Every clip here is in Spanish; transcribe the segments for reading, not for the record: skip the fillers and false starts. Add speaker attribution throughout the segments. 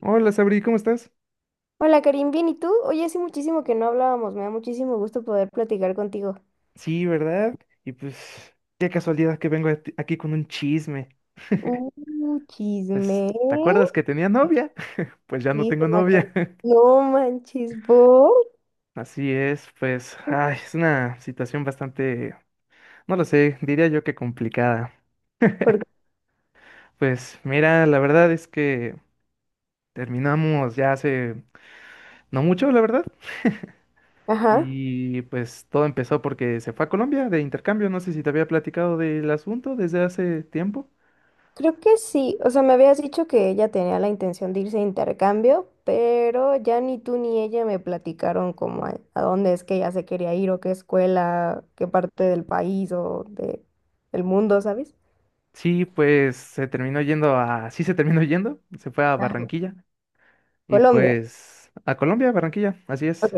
Speaker 1: Hola, Sabri, ¿cómo estás?
Speaker 2: Hola Karim, bien, ¿y tú? Oye, hace muchísimo que no hablábamos, me da muchísimo gusto poder platicar contigo.
Speaker 1: Sí, ¿verdad? Y pues, qué casualidad que vengo a aquí con un chisme.
Speaker 2: Chisme.
Speaker 1: Pues, ¿te acuerdas que tenía novia? Pues ya no
Speaker 2: Sí, se
Speaker 1: tengo
Speaker 2: me acordó.
Speaker 1: novia.
Speaker 2: No manches, ¿por?
Speaker 1: Así es, pues, ay, es una situación bastante, no lo sé, diría yo que complicada.
Speaker 2: Porque,
Speaker 1: Pues mira, la verdad es que terminamos ya hace no mucho, la verdad.
Speaker 2: ajá,
Speaker 1: Y pues todo empezó porque se fue a Colombia de intercambio. No sé si te había platicado del asunto desde hace tiempo.
Speaker 2: creo que sí. O sea, me habías dicho que ella tenía la intención de irse a intercambio, pero ya ni tú ni ella me platicaron como a dónde es que ella se quería ir o qué escuela, qué parte del país o de, del mundo, ¿sabes?
Speaker 1: Sí, pues se terminó yendo a, sí se terminó yendo, se fue a
Speaker 2: Ajá.
Speaker 1: Barranquilla y
Speaker 2: Colombia.
Speaker 1: pues a Colombia, Barranquilla, así
Speaker 2: Ok.
Speaker 1: es,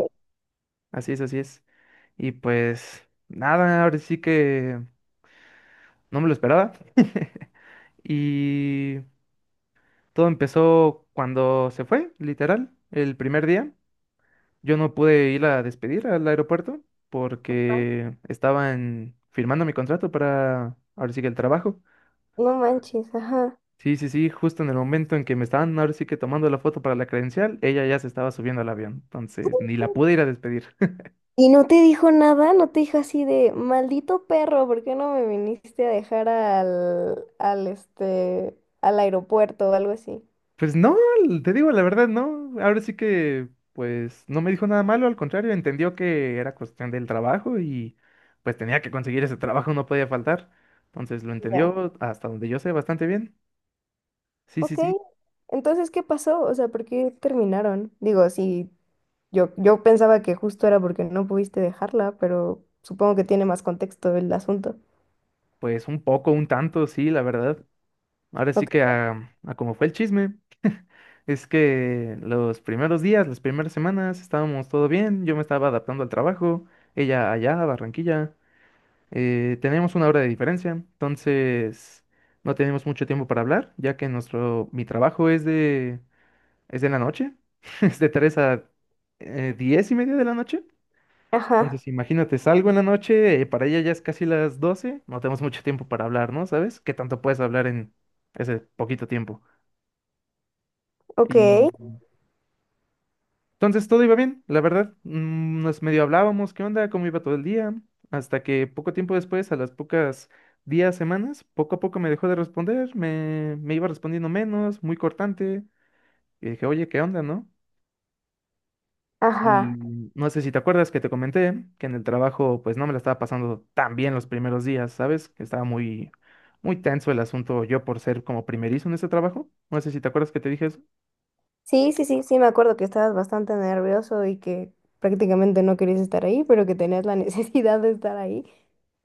Speaker 1: así es, así es. Y pues nada, ahora sí que no me lo esperaba. Y todo empezó cuando se fue, literal, el primer día. Yo no pude ir a despedir al aeropuerto porque estaban firmando mi contrato para, ahora sí que el trabajo.
Speaker 2: No manches, ajá.
Speaker 1: Sí, sí, sí, justo en el momento en que me estaban ahora sí que tomando la foto para la credencial, ella ya se estaba subiendo al avión, entonces ni la pude ir a despedir.
Speaker 2: ¿Y no te dijo nada? ¿No te dijo así de, maldito perro, ¿por qué no me viniste a dejar al aeropuerto o algo así?
Speaker 1: Pues no, te digo la verdad, no, ahora sí que pues no me dijo nada malo, al contrario, entendió que era cuestión del trabajo y pues tenía que conseguir ese trabajo, no podía faltar, entonces lo
Speaker 2: Ya.
Speaker 1: entendió hasta donde yo sé bastante bien. Sí, sí,
Speaker 2: Ok.
Speaker 1: sí,
Speaker 2: Entonces, ¿qué pasó? O sea, ¿por qué terminaron? Digo, sí, yo pensaba que justo era porque no pudiste dejarla, pero supongo que tiene más contexto el asunto.
Speaker 1: pues un poco, un tanto, sí, la verdad. Ahora sí
Speaker 2: Ok.
Speaker 1: que a como fue el chisme. Es que los primeros días, las primeras semanas, estábamos todo bien, yo me estaba adaptando al trabajo, ella allá, a Barranquilla, teníamos una hora de diferencia, entonces no teníamos mucho tiempo para hablar, ya que mi trabajo es es de la noche, es de 3 a 10 y media de la noche,
Speaker 2: Ajá.
Speaker 1: entonces imagínate, salgo en la noche, para ella ya es casi las 12. No tenemos mucho tiempo para hablar, ¿no? ¿Sabes? ¿Qué tanto puedes hablar en ese poquito tiempo?
Speaker 2: Ok.
Speaker 1: Y Entonces todo iba bien, la verdad. Nos medio hablábamos, qué onda, cómo iba todo el día, hasta que poco tiempo después, a las pocas días, semanas, poco a poco me dejó de responder, me iba respondiendo menos, muy cortante. Y dije, oye, ¿qué onda, no?
Speaker 2: Ajá.
Speaker 1: Y no sé si te acuerdas que te comenté que en el trabajo, pues no me la estaba pasando tan bien los primeros días, ¿sabes? Que estaba muy tenso el asunto yo por ser como primerizo en este trabajo. No sé si te acuerdas que te dije eso.
Speaker 2: Sí, sí, sí, sí, me acuerdo que estabas bastante nervioso y que prácticamente no querías estar ahí, pero que tenías la necesidad de estar ahí.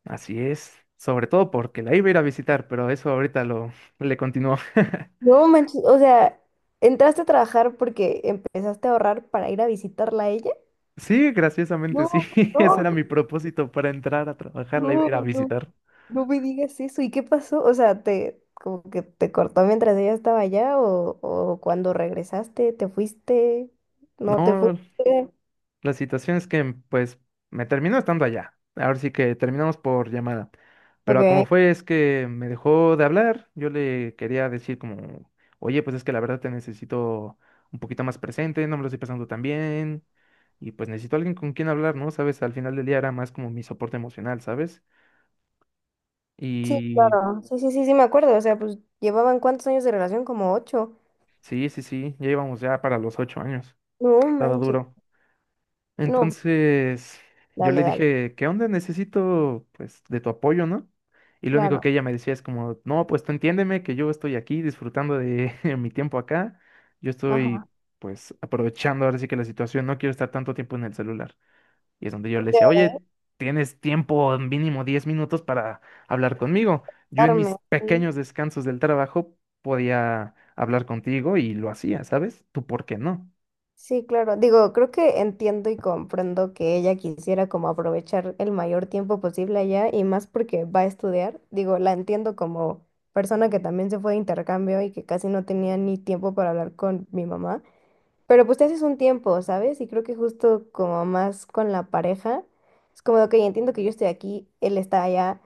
Speaker 1: Así es, sobre todo porque la iba a ir a visitar, pero eso ahorita lo le continuó.
Speaker 2: No manches, o sea, entraste a trabajar porque empezaste a ahorrar para ir a visitarla a ella.
Speaker 1: Sí, graciosamente sí,
Speaker 2: No,
Speaker 1: ese
Speaker 2: no,
Speaker 1: era mi propósito para entrar a trabajar, la iba a
Speaker 2: no,
Speaker 1: ir a
Speaker 2: no,
Speaker 1: visitar.
Speaker 2: no me digas eso. ¿Y qué pasó? O sea, te como que te cortó mientras ella estaba allá o cuando regresaste, te fuiste, no te fuiste.
Speaker 1: No, la situación es que, pues, me terminó estando allá. Ahora sí que terminamos por llamada. Pero como
Speaker 2: Ok.
Speaker 1: fue, es que me dejó de hablar. Yo le quería decir como, oye, pues es que la verdad te necesito un poquito más presente, no me lo estoy pasando tan bien. Y pues necesito alguien con quien hablar, ¿no? Sabes, al final del día era más como mi soporte emocional, ¿sabes?
Speaker 2: Sí,
Speaker 1: Y
Speaker 2: claro. Sí, sí, sí, sí, me acuerdo. O sea, pues llevaban cuántos años de relación, como ocho.
Speaker 1: sí, sí, sí, ya íbamos ya para los 8 años.
Speaker 2: No
Speaker 1: Estaba
Speaker 2: manches.
Speaker 1: duro.
Speaker 2: No,
Speaker 1: Entonces, yo
Speaker 2: dale,
Speaker 1: le
Speaker 2: dale.
Speaker 1: dije, ¿qué onda? Necesito, pues, de tu apoyo, ¿no? Y lo único que
Speaker 2: Claro.
Speaker 1: ella me decía es como, no, pues tú entiéndeme que yo estoy aquí disfrutando de mi tiempo acá. Yo
Speaker 2: Ajá.
Speaker 1: estoy, pues, aprovechando ahora sí que la situación, no quiero estar tanto tiempo en el celular. Y es donde yo le decía, oye, tienes tiempo mínimo 10 minutos para hablar conmigo. Yo en
Speaker 2: Darme.
Speaker 1: mis
Speaker 2: Sí.
Speaker 1: pequeños descansos del trabajo podía hablar contigo y lo hacía, ¿sabes? ¿Tú por qué no?
Speaker 2: Sí, claro. Digo, creo que entiendo y comprendo que ella quisiera como aprovechar el mayor tiempo posible allá y más porque va a estudiar. Digo, la entiendo como persona que también se fue de intercambio y que casi no tenía ni tiempo para hablar con mi mamá. Pero pues te haces un tiempo, ¿sabes? Y creo que justo como más con la pareja, es como de, ok, entiendo que yo estoy aquí, él está allá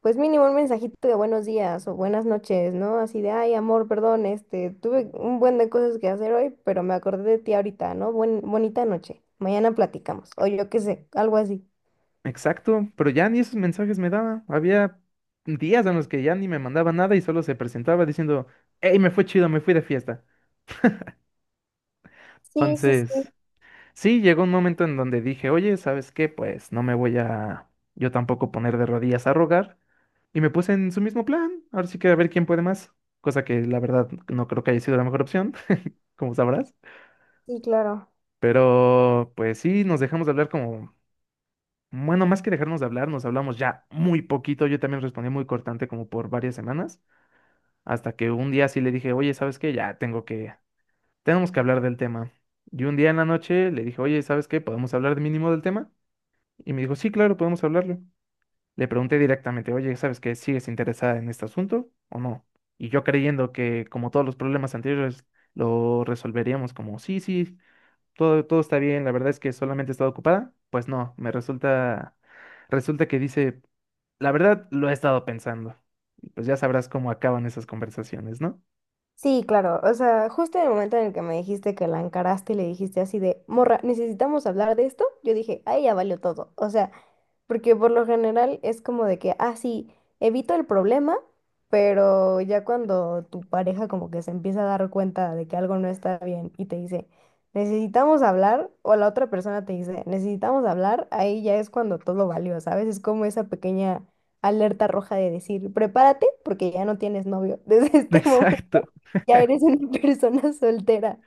Speaker 2: pues mínimo un mensajito de buenos días o buenas noches, ¿no? Así de, ay, amor, perdón, este, tuve un buen de cosas que hacer hoy, pero me acordé de ti ahorita, ¿no? Bonita noche. Mañana platicamos, o yo qué sé, algo así.
Speaker 1: Exacto, pero ya ni esos mensajes me daba. Había días en los que ya ni me mandaba nada y solo se presentaba diciendo, hey, me fue chido, me fui de fiesta.
Speaker 2: Sí, sí, sí,
Speaker 1: Entonces, sí, llegó un momento en donde dije, oye, ¿sabes qué? Pues no me voy a yo tampoco poner de rodillas a rogar. Y me puse en su mismo plan. Ahora sí que a ver quién puede más. Cosa que la verdad no creo que haya sido la mejor opción, como sabrás.
Speaker 2: sí, claro.
Speaker 1: Pero pues sí, nos dejamos de hablar como... Bueno, más que dejarnos de hablar, nos hablamos ya muy poquito. Yo también respondí muy cortante como por varias semanas. Hasta que un día sí le dije, oye, ¿sabes qué? Tenemos que hablar del tema. Y un día en la noche le dije, oye, ¿sabes qué? ¿Podemos hablar de mínimo del tema? Y me dijo, sí, claro, podemos hablarlo. Le pregunté directamente, oye, ¿sabes qué? ¿Sigues interesada en este asunto o no? Y yo creyendo que, como todos los problemas anteriores, lo resolveríamos como, sí, sí, todo está bien, la verdad es que solamente he estado ocupada. Pues no, resulta que dice, la verdad lo he estado pensando. Y pues ya sabrás cómo acaban esas conversaciones, ¿no?
Speaker 2: Sí, claro, o sea, justo en el momento en el que me dijiste que la encaraste y le dijiste así de, morra, necesitamos hablar de esto, yo dije, ay, ya valió todo. O sea, porque por lo general es como de que, ah, sí, evito el problema, pero ya cuando tu pareja como que se empieza a dar cuenta de que algo no está bien y te dice, necesitamos hablar, o la otra persona te dice, necesitamos hablar, ahí ya es cuando todo valió, ¿sabes? Es como esa pequeña alerta roja de decir, prepárate porque ya no tienes novio, desde este momento
Speaker 1: Exacto.
Speaker 2: ya eres una persona soltera.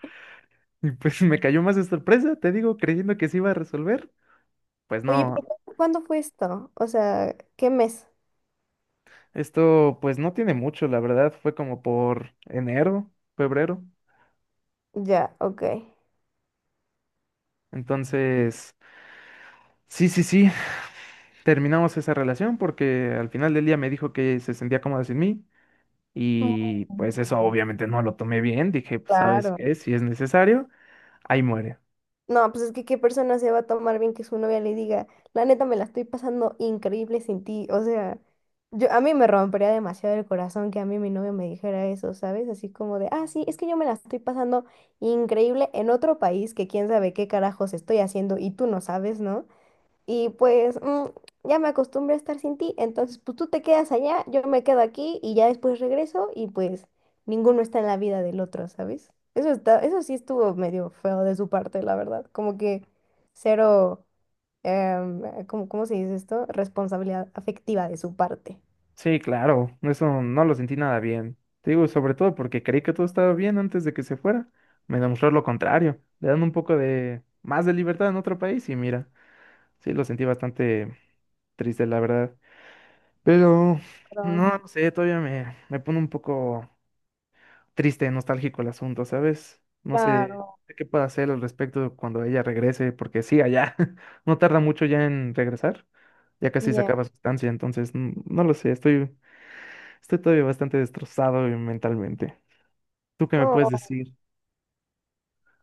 Speaker 1: Y pues me cayó más de sorpresa, te digo, creyendo que se iba a resolver. Pues
Speaker 2: Oye, pero
Speaker 1: no,
Speaker 2: ¿cuándo fue esto? O sea, ¿qué mes?
Speaker 1: esto pues no tiene mucho, la verdad, fue como por enero, febrero.
Speaker 2: Ya, ok.
Speaker 1: Entonces, sí, sí, sí, terminamos esa relación porque al final del día me dijo que se sentía cómoda sin mí
Speaker 2: Mm,
Speaker 1: y pues eso obviamente no lo tomé bien, dije, pues sabes
Speaker 2: Claro.
Speaker 1: qué, si es necesario, ahí muere.
Speaker 2: No, pues es que qué persona se va a tomar bien que su novia le diga, la neta me la estoy pasando increíble sin ti. O sea, yo a mí me rompería demasiado el corazón que a mí mi novio me dijera eso, ¿sabes? Así como de, ah, sí, es que yo me la estoy pasando increíble en otro país que quién sabe qué carajos estoy haciendo y tú no sabes, ¿no? Y pues ya me acostumbré a estar sin ti, entonces pues tú te quedas allá, yo me quedo aquí y ya después regreso y pues ninguno está en la vida del otro, ¿sabes? Eso está, eso sí estuvo medio feo de su parte, la verdad. Como que cero, ¿cómo se dice esto? Responsabilidad afectiva de su parte.
Speaker 1: Sí, claro, eso no lo sentí nada bien. Te digo, sobre todo porque creí que todo estaba bien antes de que se fuera. Me demostró lo contrario. Le dan un poco de más de libertad en otro país y mira, sí, lo sentí bastante triste, la verdad. Pero,
Speaker 2: Claro,
Speaker 1: no, no sé, todavía me pone un poco triste, nostálgico el asunto, ¿sabes? No sé
Speaker 2: claro.
Speaker 1: qué puedo hacer al respecto cuando ella regrese, porque sí, allá, no tarda mucho ya en regresar, ya casi se
Speaker 2: Ya.
Speaker 1: acaba su estancia, entonces, no lo sé, estoy todavía bastante destrozado mentalmente. ¿Tú qué me puedes
Speaker 2: Oh,
Speaker 1: decir?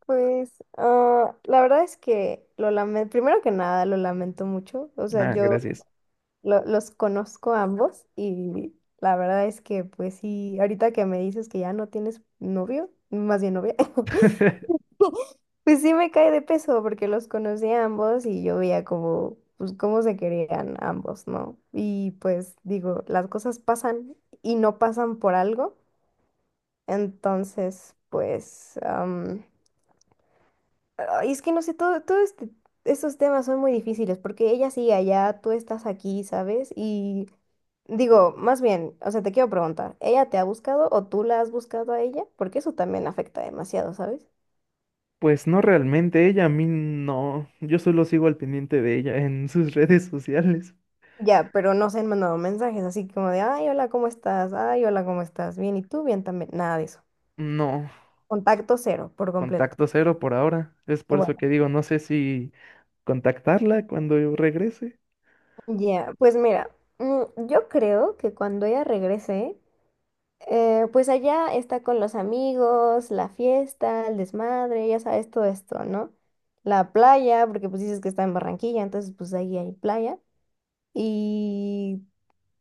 Speaker 2: pues la verdad es que lo lamento, primero que nada lo lamento mucho, o sea,
Speaker 1: Ah,
Speaker 2: yo...
Speaker 1: gracias.
Speaker 2: los conozco a ambos y la verdad es que pues sí, ahorita que me dices que ya no tienes novio, más bien novia, pues sí me cae de peso porque los conocí a ambos y yo veía como, pues cómo se querían ambos, ¿no? Y pues digo, las cosas pasan y no pasan por algo, entonces pues... Ay, es que no sé, todo estos temas son muy difíciles porque ella sigue allá, tú estás aquí, ¿sabes? Y digo, más bien, o sea, te quiero preguntar, ¿ella te ha buscado o tú la has buscado a ella? Porque eso también afecta demasiado, ¿sabes?
Speaker 1: Pues no realmente, ella a mí no. Yo solo sigo al pendiente de ella en sus redes sociales.
Speaker 2: Ya, pero no se han mandado mensajes así como de, ay, hola, ¿cómo estás? Ay, hola, ¿cómo estás? Bien, ¿y tú? Bien también. Nada de eso.
Speaker 1: No,
Speaker 2: Contacto cero, por completo.
Speaker 1: contacto cero por ahora. Es
Speaker 2: Y
Speaker 1: por eso
Speaker 2: bueno,
Speaker 1: que digo, no sé si contactarla cuando yo regrese.
Speaker 2: ya, pues mira, yo creo que cuando ella regrese, pues allá está con los amigos, la fiesta, el desmadre, ya sabes todo esto, ¿no? La playa, porque pues dices que está en Barranquilla, entonces pues ahí hay playa. Y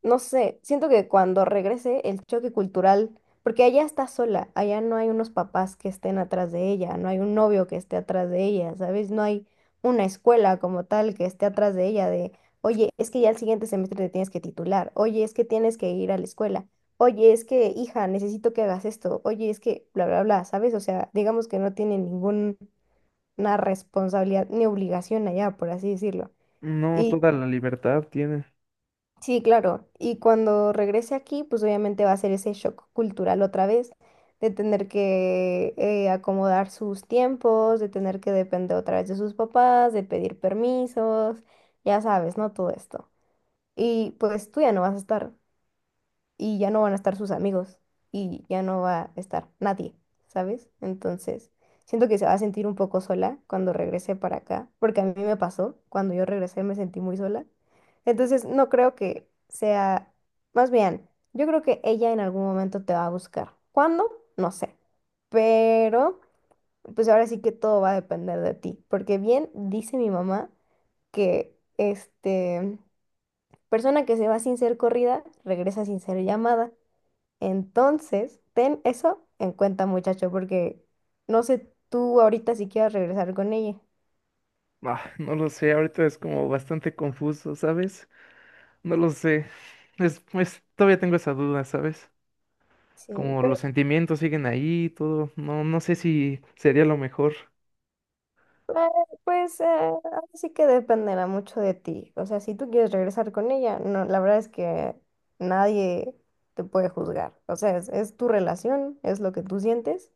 Speaker 2: no sé, siento que cuando regrese el choque cultural, porque allá está sola, allá no hay unos papás que estén atrás de ella, no hay un novio que esté atrás de ella, ¿sabes? No hay una escuela como tal que esté atrás de ella de, oye, es que ya el siguiente semestre te tienes que titular, oye, es que tienes que ir a la escuela, oye, es que, hija, necesito que hagas esto, oye, es que, bla, bla, bla, ¿sabes? O sea, digamos que no tiene ninguna responsabilidad ni obligación allá, por así decirlo.
Speaker 1: No, toda la libertad tiene.
Speaker 2: Sí, claro. Y cuando regrese aquí, pues obviamente va a ser ese shock cultural otra vez, de tener que acomodar sus tiempos, de tener que depender otra vez de sus papás, de pedir permisos, ya sabes, ¿no? Todo esto. Y pues tú ya no vas a estar y ya no van a estar sus amigos y ya no va a estar nadie, ¿sabes? Entonces, siento que se va a sentir un poco sola cuando regrese para acá, porque a mí me pasó, cuando yo regresé me sentí muy sola. Entonces, no creo que sea, más bien, yo creo que ella en algún momento te va a buscar. ¿Cuándo? No sé. Pero, pues ahora sí que todo va a depender de ti, porque bien dice mi mamá que, persona que se va sin ser corrida, regresa sin ser llamada. Entonces, ten eso en cuenta, muchacho, porque no sé tú ahorita si quieres regresar con ella.
Speaker 1: Ah, no lo sé, ahorita es como bastante confuso, ¿sabes? No lo sé. Es, pues todavía tengo esa duda, ¿sabes?
Speaker 2: Sí,
Speaker 1: Como
Speaker 2: pero
Speaker 1: los sentimientos siguen ahí, y todo. No, no sé si sería lo mejor.
Speaker 2: pues ahora sí que dependerá mucho de ti. O sea, si tú quieres regresar con ella, no, la verdad es que nadie te puede juzgar. O sea, es tu relación, es lo que tú sientes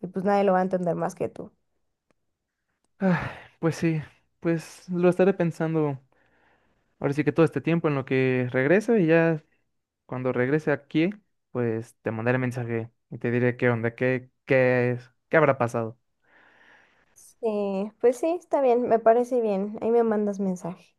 Speaker 2: y pues nadie lo va a entender más que tú.
Speaker 1: Ah, pues sí, pues lo estaré pensando ahora sí que todo este tiempo en lo que regreso y ya cuando regrese aquí, pues te mandaré mensaje y te diré qué onda, qué es, qué habrá pasado.
Speaker 2: Sí, pues sí, está bien, me parece bien. Ahí me mandas mensaje.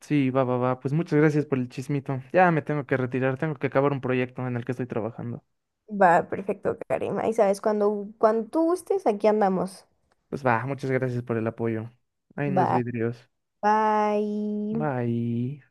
Speaker 1: Sí, va, va, va. Pues muchas gracias por el chismito. Ya me tengo que retirar, tengo que acabar un proyecto en el que estoy trabajando.
Speaker 2: Va, perfecto, Karima. Ahí sabes, cuando, cuando tú gustes, aquí andamos.
Speaker 1: Pues va, muchas gracias por el apoyo. Ahí nos
Speaker 2: Va.
Speaker 1: vidrios.
Speaker 2: Bye.
Speaker 1: Bye.